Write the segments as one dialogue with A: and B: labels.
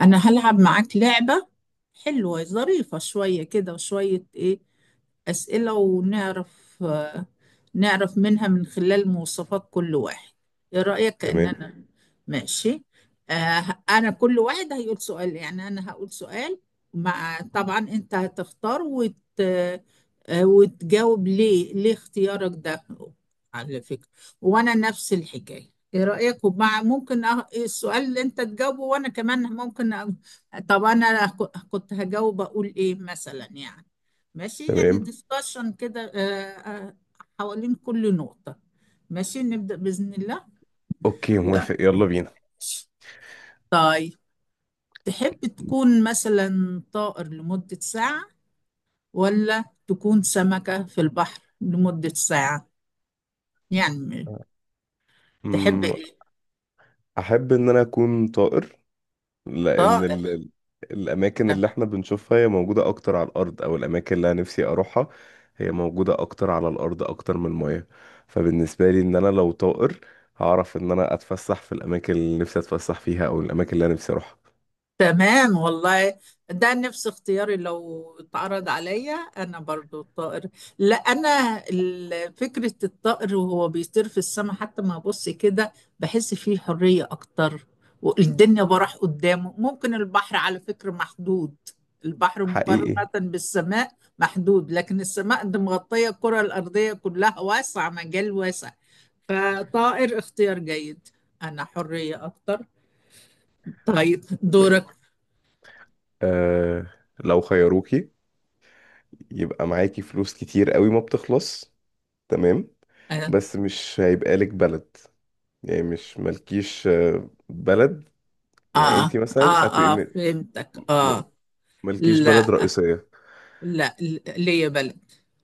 A: انا هلعب معاك لعبة حلوة ظريفة شوية كده، وشوية ايه أسئلة ونعرف نعرف منها من خلال مواصفات كل واحد. ايه رأيك؟
B: تمام
A: كأننا ماشي. انا كل واحد هيقول سؤال، يعني انا هقول سؤال مع، طبعا انت هتختار وت... آه، وتجاوب ليه اختيارك ده، على فكرة. وانا نفس الحكاية. ايه رأيك؟ ممكن السؤال اللي انت تجاوبه وانا كمان طب انا كنت هجاوب اقول ايه مثلا يعني. ماشي، يعني
B: تمام.
A: ديسكشن كده. حوالين كل نقطة. ماشي نبدأ بإذن الله.
B: اوكي،
A: يلا.
B: موافق، يلا بينا.
A: طيب، تحب تكون مثلا طائر لمدة ساعة، ولا تكون سمكة في البحر لمدة ساعة؟ يعني تحب
B: أمم،
A: ايه؟
B: احب ان انا اكون طائر، لان
A: طائر.
B: الاماكن اللي احنا بنشوفها هي موجودة اكتر على الارض، او الاماكن اللي انا نفسي اروحها هي موجودة اكتر على الارض اكتر من المياه. فبالنسبة لي، ان انا لو طائر، هعرف ان انا اتفسح في الاماكن اللي نفسي اتفسح فيها او الاماكن اللي انا نفسي اروحها.
A: تمام والله، ده نفس اختياري. لو اتعرض عليا انا برضو الطائر. لا انا فكرة الطائر وهو بيطير في السماء حتى ما ابص كده بحس فيه حرية اكتر، والدنيا براح قدامه. ممكن البحر على فكرة محدود، البحر مقارنة
B: حقيقي.
A: بالسماء محدود. لكن السماء دي مغطية الكرة الأرضية كلها، واسعة، مجال واسع. فطائر اختيار جيد، أنا حرية أكتر. طيب دورك.
B: آه لو خيروكي يبقى معاكي فلوس كتير قوي ما بتخلص، تمام، بس مش هيبقى لك بلد، يعني مش مالكيش بلد، يعني انتي
A: اه،
B: مثلا هتبقي
A: اه، اه، فهمتك.
B: م-
A: اه.
B: مالكيش بلد
A: لا،
B: رئيسية.
A: لا، ليا بلد.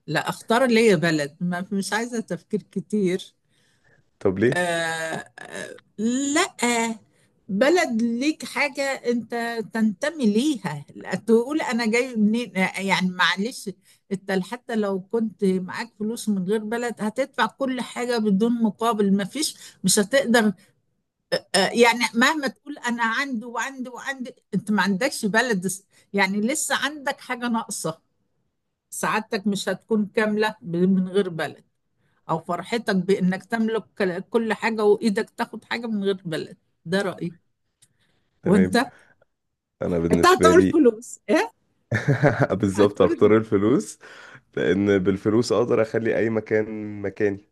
A: لا، اختار ليا بلد ما، مش عايزة تفكير كتير.
B: طب ليه؟
A: آه، آه، لا، بلد ليك حاجة انت تنتمي ليها، لا تقول انا جاي منين، يعني معلش. انت حتى لو كنت معاك فلوس، من غير بلد هتدفع كل حاجة بدون مقابل، ما فيش، مش هتقدر. يعني مهما تقول انا عندي وعندي وعندي، انت ما عندكش بلد، يعني لسه عندك حاجة ناقصة. سعادتك مش هتكون كاملة من غير بلد، او فرحتك بانك تملك كل حاجة وايدك تاخد حاجة من غير بلد. ده رأيي.
B: تمام.
A: وانت؟
B: انا
A: انت
B: بالنسبة
A: هتقول
B: لي
A: فلوس؟ ايه
B: بالظبط هختار
A: هتقول؟
B: الفلوس، لان بالفلوس اقدر اخلي اي مكان مكاني.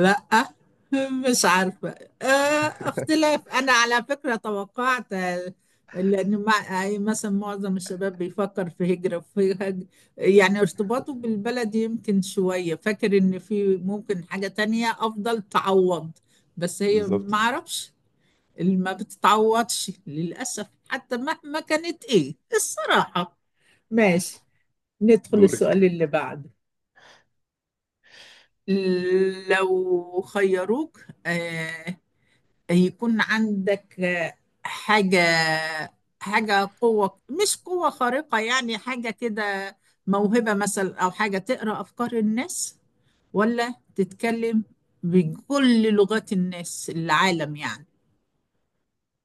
A: لا، مش عارفة. آه، اختلاف. أنا على فكرة توقعت، لأن أي مثلا معظم الشباب بيفكر في هجرة، يعني ارتباطه بالبلد يمكن شوية، فاكر إن في ممكن حاجة تانية أفضل تعوض، بس هي ما
B: بالظبط.
A: أعرفش اللي ما بتتعوضش للأسف، حتى مهما كانت إيه الصراحة. ماشي، ندخل السؤال
B: دورك.
A: اللي بعده. لو خيروك، آه يكون عندك حاجة حاجة قوة، مش قوة خارقة، يعني حاجة كده، موهبة مثلا، أو حاجة تقرأ أفكار الناس، ولا تتكلم بكل لغات الناس العالم؟ يعني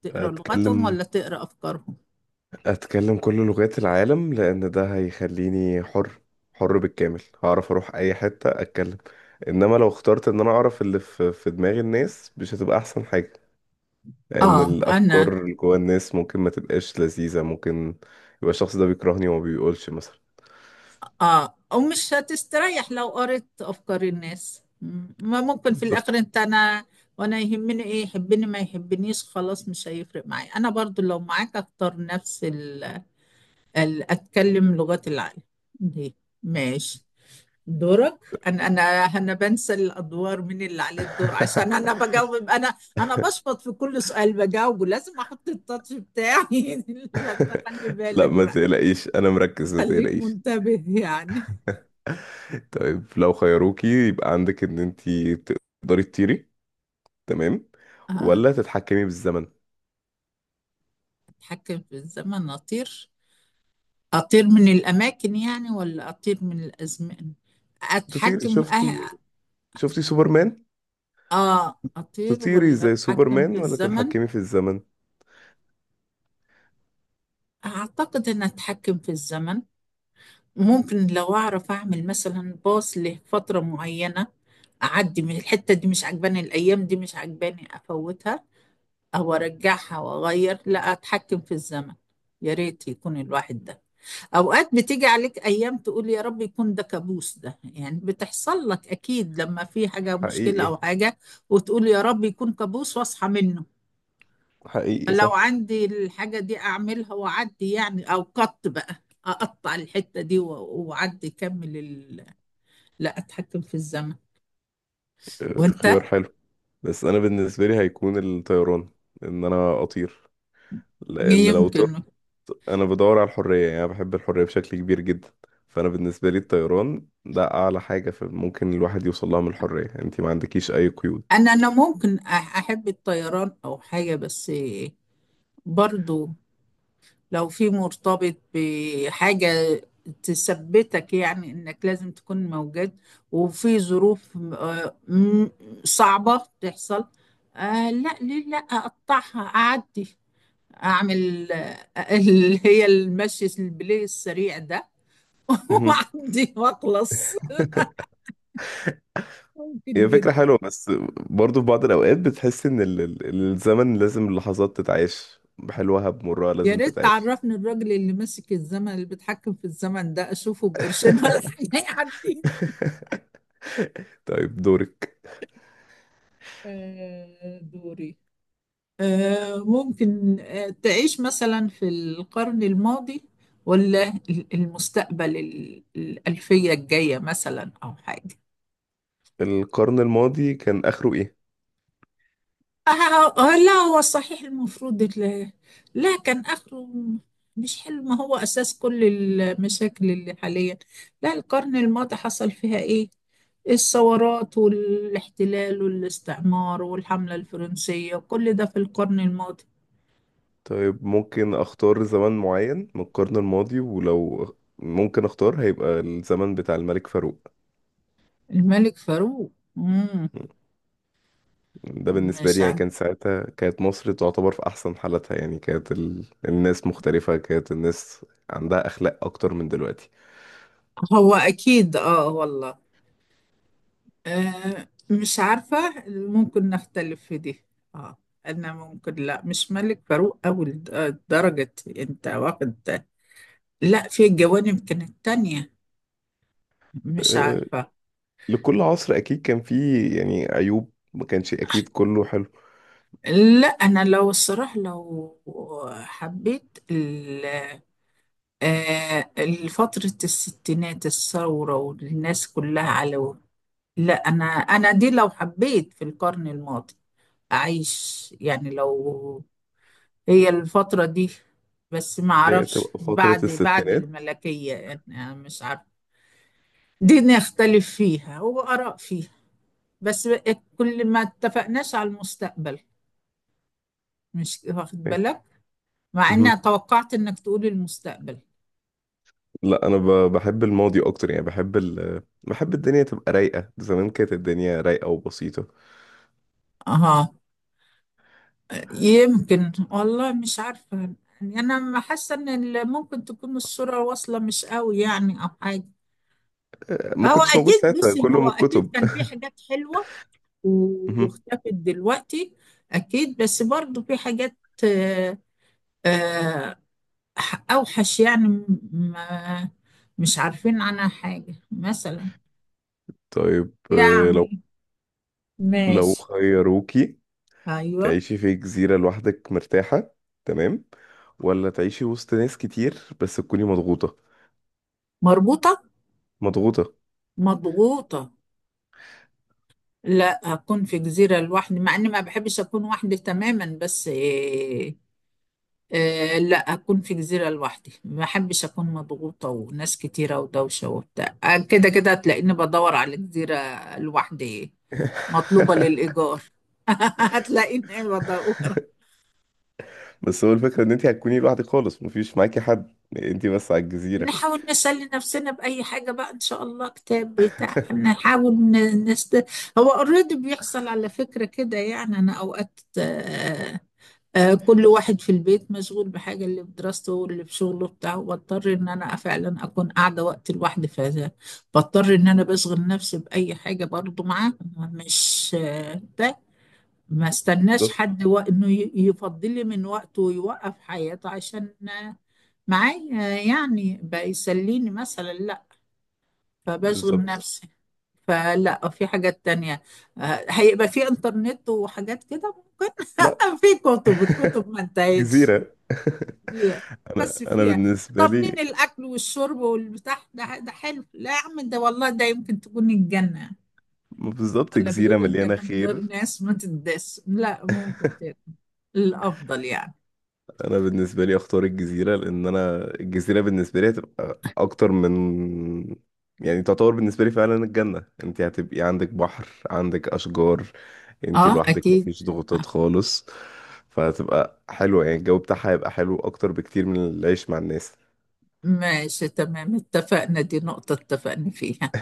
A: تقرأ لغتهم
B: هتكلم،
A: ولا تقرأ أفكارهم؟
B: اتكلم كل لغات العالم، لان ده هيخليني حر، حر بالكامل، هعرف اروح اي حتة اتكلم. انما لو اخترت ان انا اعرف اللي في دماغ الناس، مش هتبقى احسن حاجة، لان
A: آه أنا،
B: الافكار اللي جوه الناس ممكن ما تبقاش لذيذة، ممكن يبقى الشخص ده بيكرهني وما بيقولش مثلا.
A: اه. ومش هتستريح لو قريت افكار الناس، ما ممكن في
B: بالظبط.
A: الاخر انت انا. وانا يهمني ايه يحبني ما يحبنيش؟ خلاص مش هيفرق معايا، انا برضو لو معاك اختار نفس اتكلم لغات العالم دي. ماشي، دورك. انا انا انا بنسى الادوار مين اللي عليه الدور، عشان انا بجاوب. انا انا بشبط في كل سؤال بجاوبه، لازم احط التاتش بتاعي فانت خلي
B: لا،
A: بالك
B: ما
A: بقى،
B: تقلقيش، انا مركز، ما
A: خليك
B: تقلقيش.
A: منتبه يعني.
B: طيب، لو خيروكي يبقى عندك ان انتي تقدري تطيري، تمام،
A: آه.
B: ولا تتحكمي بالزمن؟
A: أتحكم في الزمن؟ أطير؟ أطير من الأماكن يعني، ولا أطير من الأزمان؟
B: تطيري،
A: أتحكم في
B: شفتي شفتي سوبرمان؟
A: آه، أطير
B: تطيري
A: ولا
B: زي
A: أتحكم في
B: سوبرمان ولا
A: الزمن؟
B: تتحكمي في الزمن؟
A: أعتقد أن أتحكم في الزمن، ممكن لو أعرف أعمل مثلا باص لفترة معينة، أعدي من الحتة دي مش عجباني، الأيام دي مش عجباني أفوتها، أو أرجعها وأغير. لا، أتحكم في الزمن. يا ريت يكون الواحد ده، اوقات بتيجي عليك ايام تقول يا رب يكون ده كابوس، ده يعني بتحصل لك اكيد لما في حاجة مشكلة او
B: حقيقي.
A: حاجة، وتقول يا رب يكون كابوس واصحى منه.
B: حقيقي
A: لو
B: صح.
A: عندي الحاجة دي اعملها واعدي يعني، او قط بقى، اقطع الحتة دي واعدي كمل لا، اتحكم في الزمن. وانت؟
B: خيار حلو. بس انا بالنسبه لي هيكون الطيران، ان انا اطير، لان لو
A: يمكن.
B: طرت انا بدور على الحريه، يعني انا بحب الحريه بشكل كبير جدا. فانا بالنسبه لي الطيران ده اعلى حاجه ممكن الواحد يوصل لها من الحريه، انت ما عندكيش اي قيود.
A: انا ممكن احب الطيران او حاجة، بس برضو لو في مرتبط بحاجة تثبتك، يعني إنك لازم تكون موجود وفي ظروف صعبة تحصل، آه لا، ليه؟ لا، أقطعها أعدي، أعمل اللي هي المشي البلاي السريع ده،
B: مهم.
A: وأعدي وأخلص. ممكن
B: هي فكرة
A: جدا.
B: حلوة، بس برضه في بعض الأوقات بتحس إن الزمن لازم اللحظات تتعاش بحلوها بمرها
A: يا
B: لازم
A: ريت
B: تتعاش.
A: تعرفني الراجل اللي ماسك الزمن اللي بيتحكم في الزمن ده، أشوفه بقرشين ولا حاجة يعدي.
B: طيب، دورك.
A: دوري. ممكن تعيش مثلا في القرن الماضي، ولا المستقبل الألفية الجاية مثلا، أو حاجة؟
B: القرن الماضي كان آخره إيه؟
A: لا هو صحيح، المفروض لا، كان آخره مش حلو، ما هو أساس كل المشاكل اللي حاليا. لا، القرن الماضي حصل فيها إيه، الثورات والاحتلال والاستعمار والحملة الفرنسية، كل ده في القرن الماضي.
B: طيب، ممكن أختار زمن معين من القرن الماضي، ولو ممكن أختار هيبقى الزمن بتاع الملك فاروق.
A: الملك فاروق؟ مم.
B: ده بالنسبة
A: مش
B: لي يعني
A: عاجبني.
B: كان ساعتها كانت مصر تعتبر في أحسن حالتها، يعني كانت الناس مختلفة، كانت الناس عندها أخلاق أكتر من دلوقتي.
A: هو أكيد آه والله، آه مش عارفة، ممكن نختلف في دي. آه، أنا ممكن، لا مش ملك فاروق أوي، درجة، أنت واخد. لا في جوانب كانت تانية، مش
B: أه...
A: عارفة.
B: لكل عصر أكيد كان فيه يعني عيوب، ما كانش أكيد كله حلو.
A: لا أنا لو الصراحة، لو حبيت آه، فترة الستينات، الثورة والناس كلها على، لا أنا، أنا دي لو حبيت في القرن الماضي أعيش يعني، لو هي الفترة دي. بس ما
B: اللي هي
A: اعرفش
B: بتبقى فترة
A: بعد
B: الستينات.
A: الملكية، يعني انا مش عارف، دي نختلف فيها وآراء فيها. بس كل ما اتفقناش على المستقبل، مش واخد
B: أه،
A: بالك؟ مع اني
B: مهم.
A: توقعت انك تقول المستقبل.
B: لا، انا بحب الماضي اكتر، يعني بحب بحب الدنيا تبقى رايقه، زمان كانت الدنيا رايقه وبسيطه،
A: اه يمكن، والله مش عارفة، يعني انا ما حاسة ان ممكن تكون الصورة واصلة مش قوي يعني، او حاجة.
B: ما
A: هو
B: كنتش موجود
A: اكيد،
B: ساعتها،
A: بصي،
B: كله
A: هو
B: من
A: اكيد
B: الكتب.
A: كان في حاجات حلوة
B: مهم.
A: واختفت دلوقتي، أكيد. بس برضو في حاجات آه، آه، أوحش يعني، ما مش عارفين عنها حاجة مثلا،
B: طيب، لو
A: يعني.
B: لو
A: ماشي.
B: خيروكي
A: أيوه.
B: تعيشي في جزيره لوحدك مرتاحه، تمام، ولا تعيشي وسط ناس كتير بس تكوني مضغوطه؟
A: مربوطة،
B: مضغوطه.
A: مضغوطة؟ لا، أكون في جزيرة لوحدي، مع إني ما بحبش أكون وحدي تماما، بس آه لا، أكون في جزيرة لوحدي، ما أحبش أكون مضغوطة وناس كتيرة ودوشة وبتاع، كده كده هتلاقيني بدور على جزيرة لوحدي، مطلوبة للإيجار. هتلاقيني بدور.
B: بس هو الفكره ان انت هتكوني لوحدك خالص، مفيش معاكي حد، انت بس على الجزيره.
A: نحاول نسلي نفسنا بأي حاجة بقى إن شاء الله، كتاب بتاع، نحاول نست. هو اوريدي بيحصل على فكرة كده، يعني أنا أوقات كل واحد في البيت مشغول بحاجة، اللي بدراسته واللي بشغله بتاعه، بضطر ان انا فعلا اكون قاعدة وقت لوحدي، فبضطر ان انا بشغل نفسي بأي حاجة، برضو معاه مش ده، ما استناش
B: بالظبط
A: حد انه يفضلي من وقته ويوقف حياته عشان معايا، يعني بقى يسليني مثلا، لا. فبشغل
B: بالظبط.
A: نفسي. فلا، في حاجات تانية، هيبقى في انترنت وحاجات كده ممكن.
B: لا.
A: في كتب، الكتب ما انتهتش.
B: جزيره.
A: لا بس
B: انا
A: فيها،
B: بالنسبه
A: طمنين
B: لي.
A: الاكل والشرب والبتاع ده حلو. لا يا عم، ده والله ده يمكن تكون الجنه.
B: بالظبط.
A: ولا
B: جزيرة
A: بيقولوا
B: مليانة
A: الجنه من
B: خير.
A: غير ناس ما تدس، لا ممكن تاكل الافضل يعني.
B: أنا بالنسبة لي أختار الجزيرة، لأن أنا الجزيرة بالنسبة لي هتبقى أكتر من، يعني تعتبر بالنسبة لي فعلا الجنة. أنت هتبقي عندك بحر، عندك أشجار، أنت
A: اه
B: لوحدك،
A: اكيد.
B: مفيش
A: آه،
B: ضغوطات خالص، فهتبقى حلوة يعني الجو بتاعها هيبقى حلو أكتر بكتير من العيش مع الناس.
A: ماشي تمام، اتفقنا، دي نقطه اتفقنا فيها.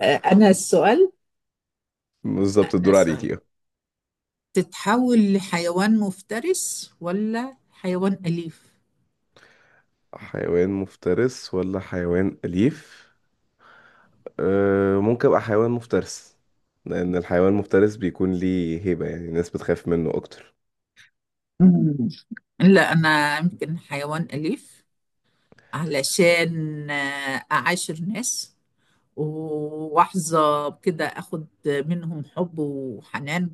A: آه، انا السؤال
B: بالظبط.
A: انا
B: الدور
A: السؤال
B: عليكي.
A: تتحول لحيوان مفترس ولا حيوان اليف؟
B: حيوان مفترس ولا حيوان أليف؟ أه، ممكن ابقى حيوان مفترس، لان الحيوان المفترس بيكون ليه هيبة، يعني الناس بتخاف منه اكتر.
A: مم. لا انا يمكن حيوان اليف، علشان أعاشر ناس وأحظى بكده، أخد منهم حب وحنان،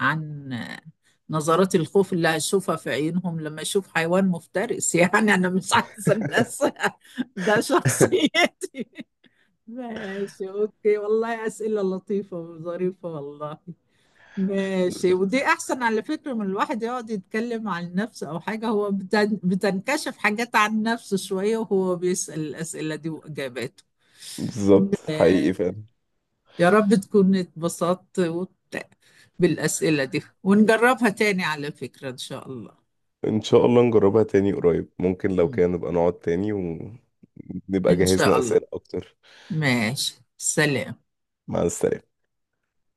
A: عن نظرات الخوف اللي هشوفها في عيونهم لما أشوف حيوان مفترس. يعني أنا مش عايزة الناس. ده شخصيتي. ماشي أوكي، والله أسئلة لطيفة وظريفة والله. ماشي، ودي
B: بالظبط.
A: احسن على فكرة من الواحد يقعد يتكلم عن نفسه او حاجة، هو بتنكشف حاجات عن نفسه شوية وهو بيسأل الأسئلة دي واجاباته.
B: بالظبط حقيقي فعلا.
A: يا رب تكون اتبسطت بالأسئلة دي، ونجربها تاني على فكرة ان شاء الله.
B: ان شاء الله نجربها تاني قريب، ممكن لو
A: مم.
B: كان نبقى نقعد تاني ونبقى
A: ان شاء
B: جهزنا
A: الله.
B: اسئلة اكتر.
A: ماشي، سلام.
B: مع السلامة.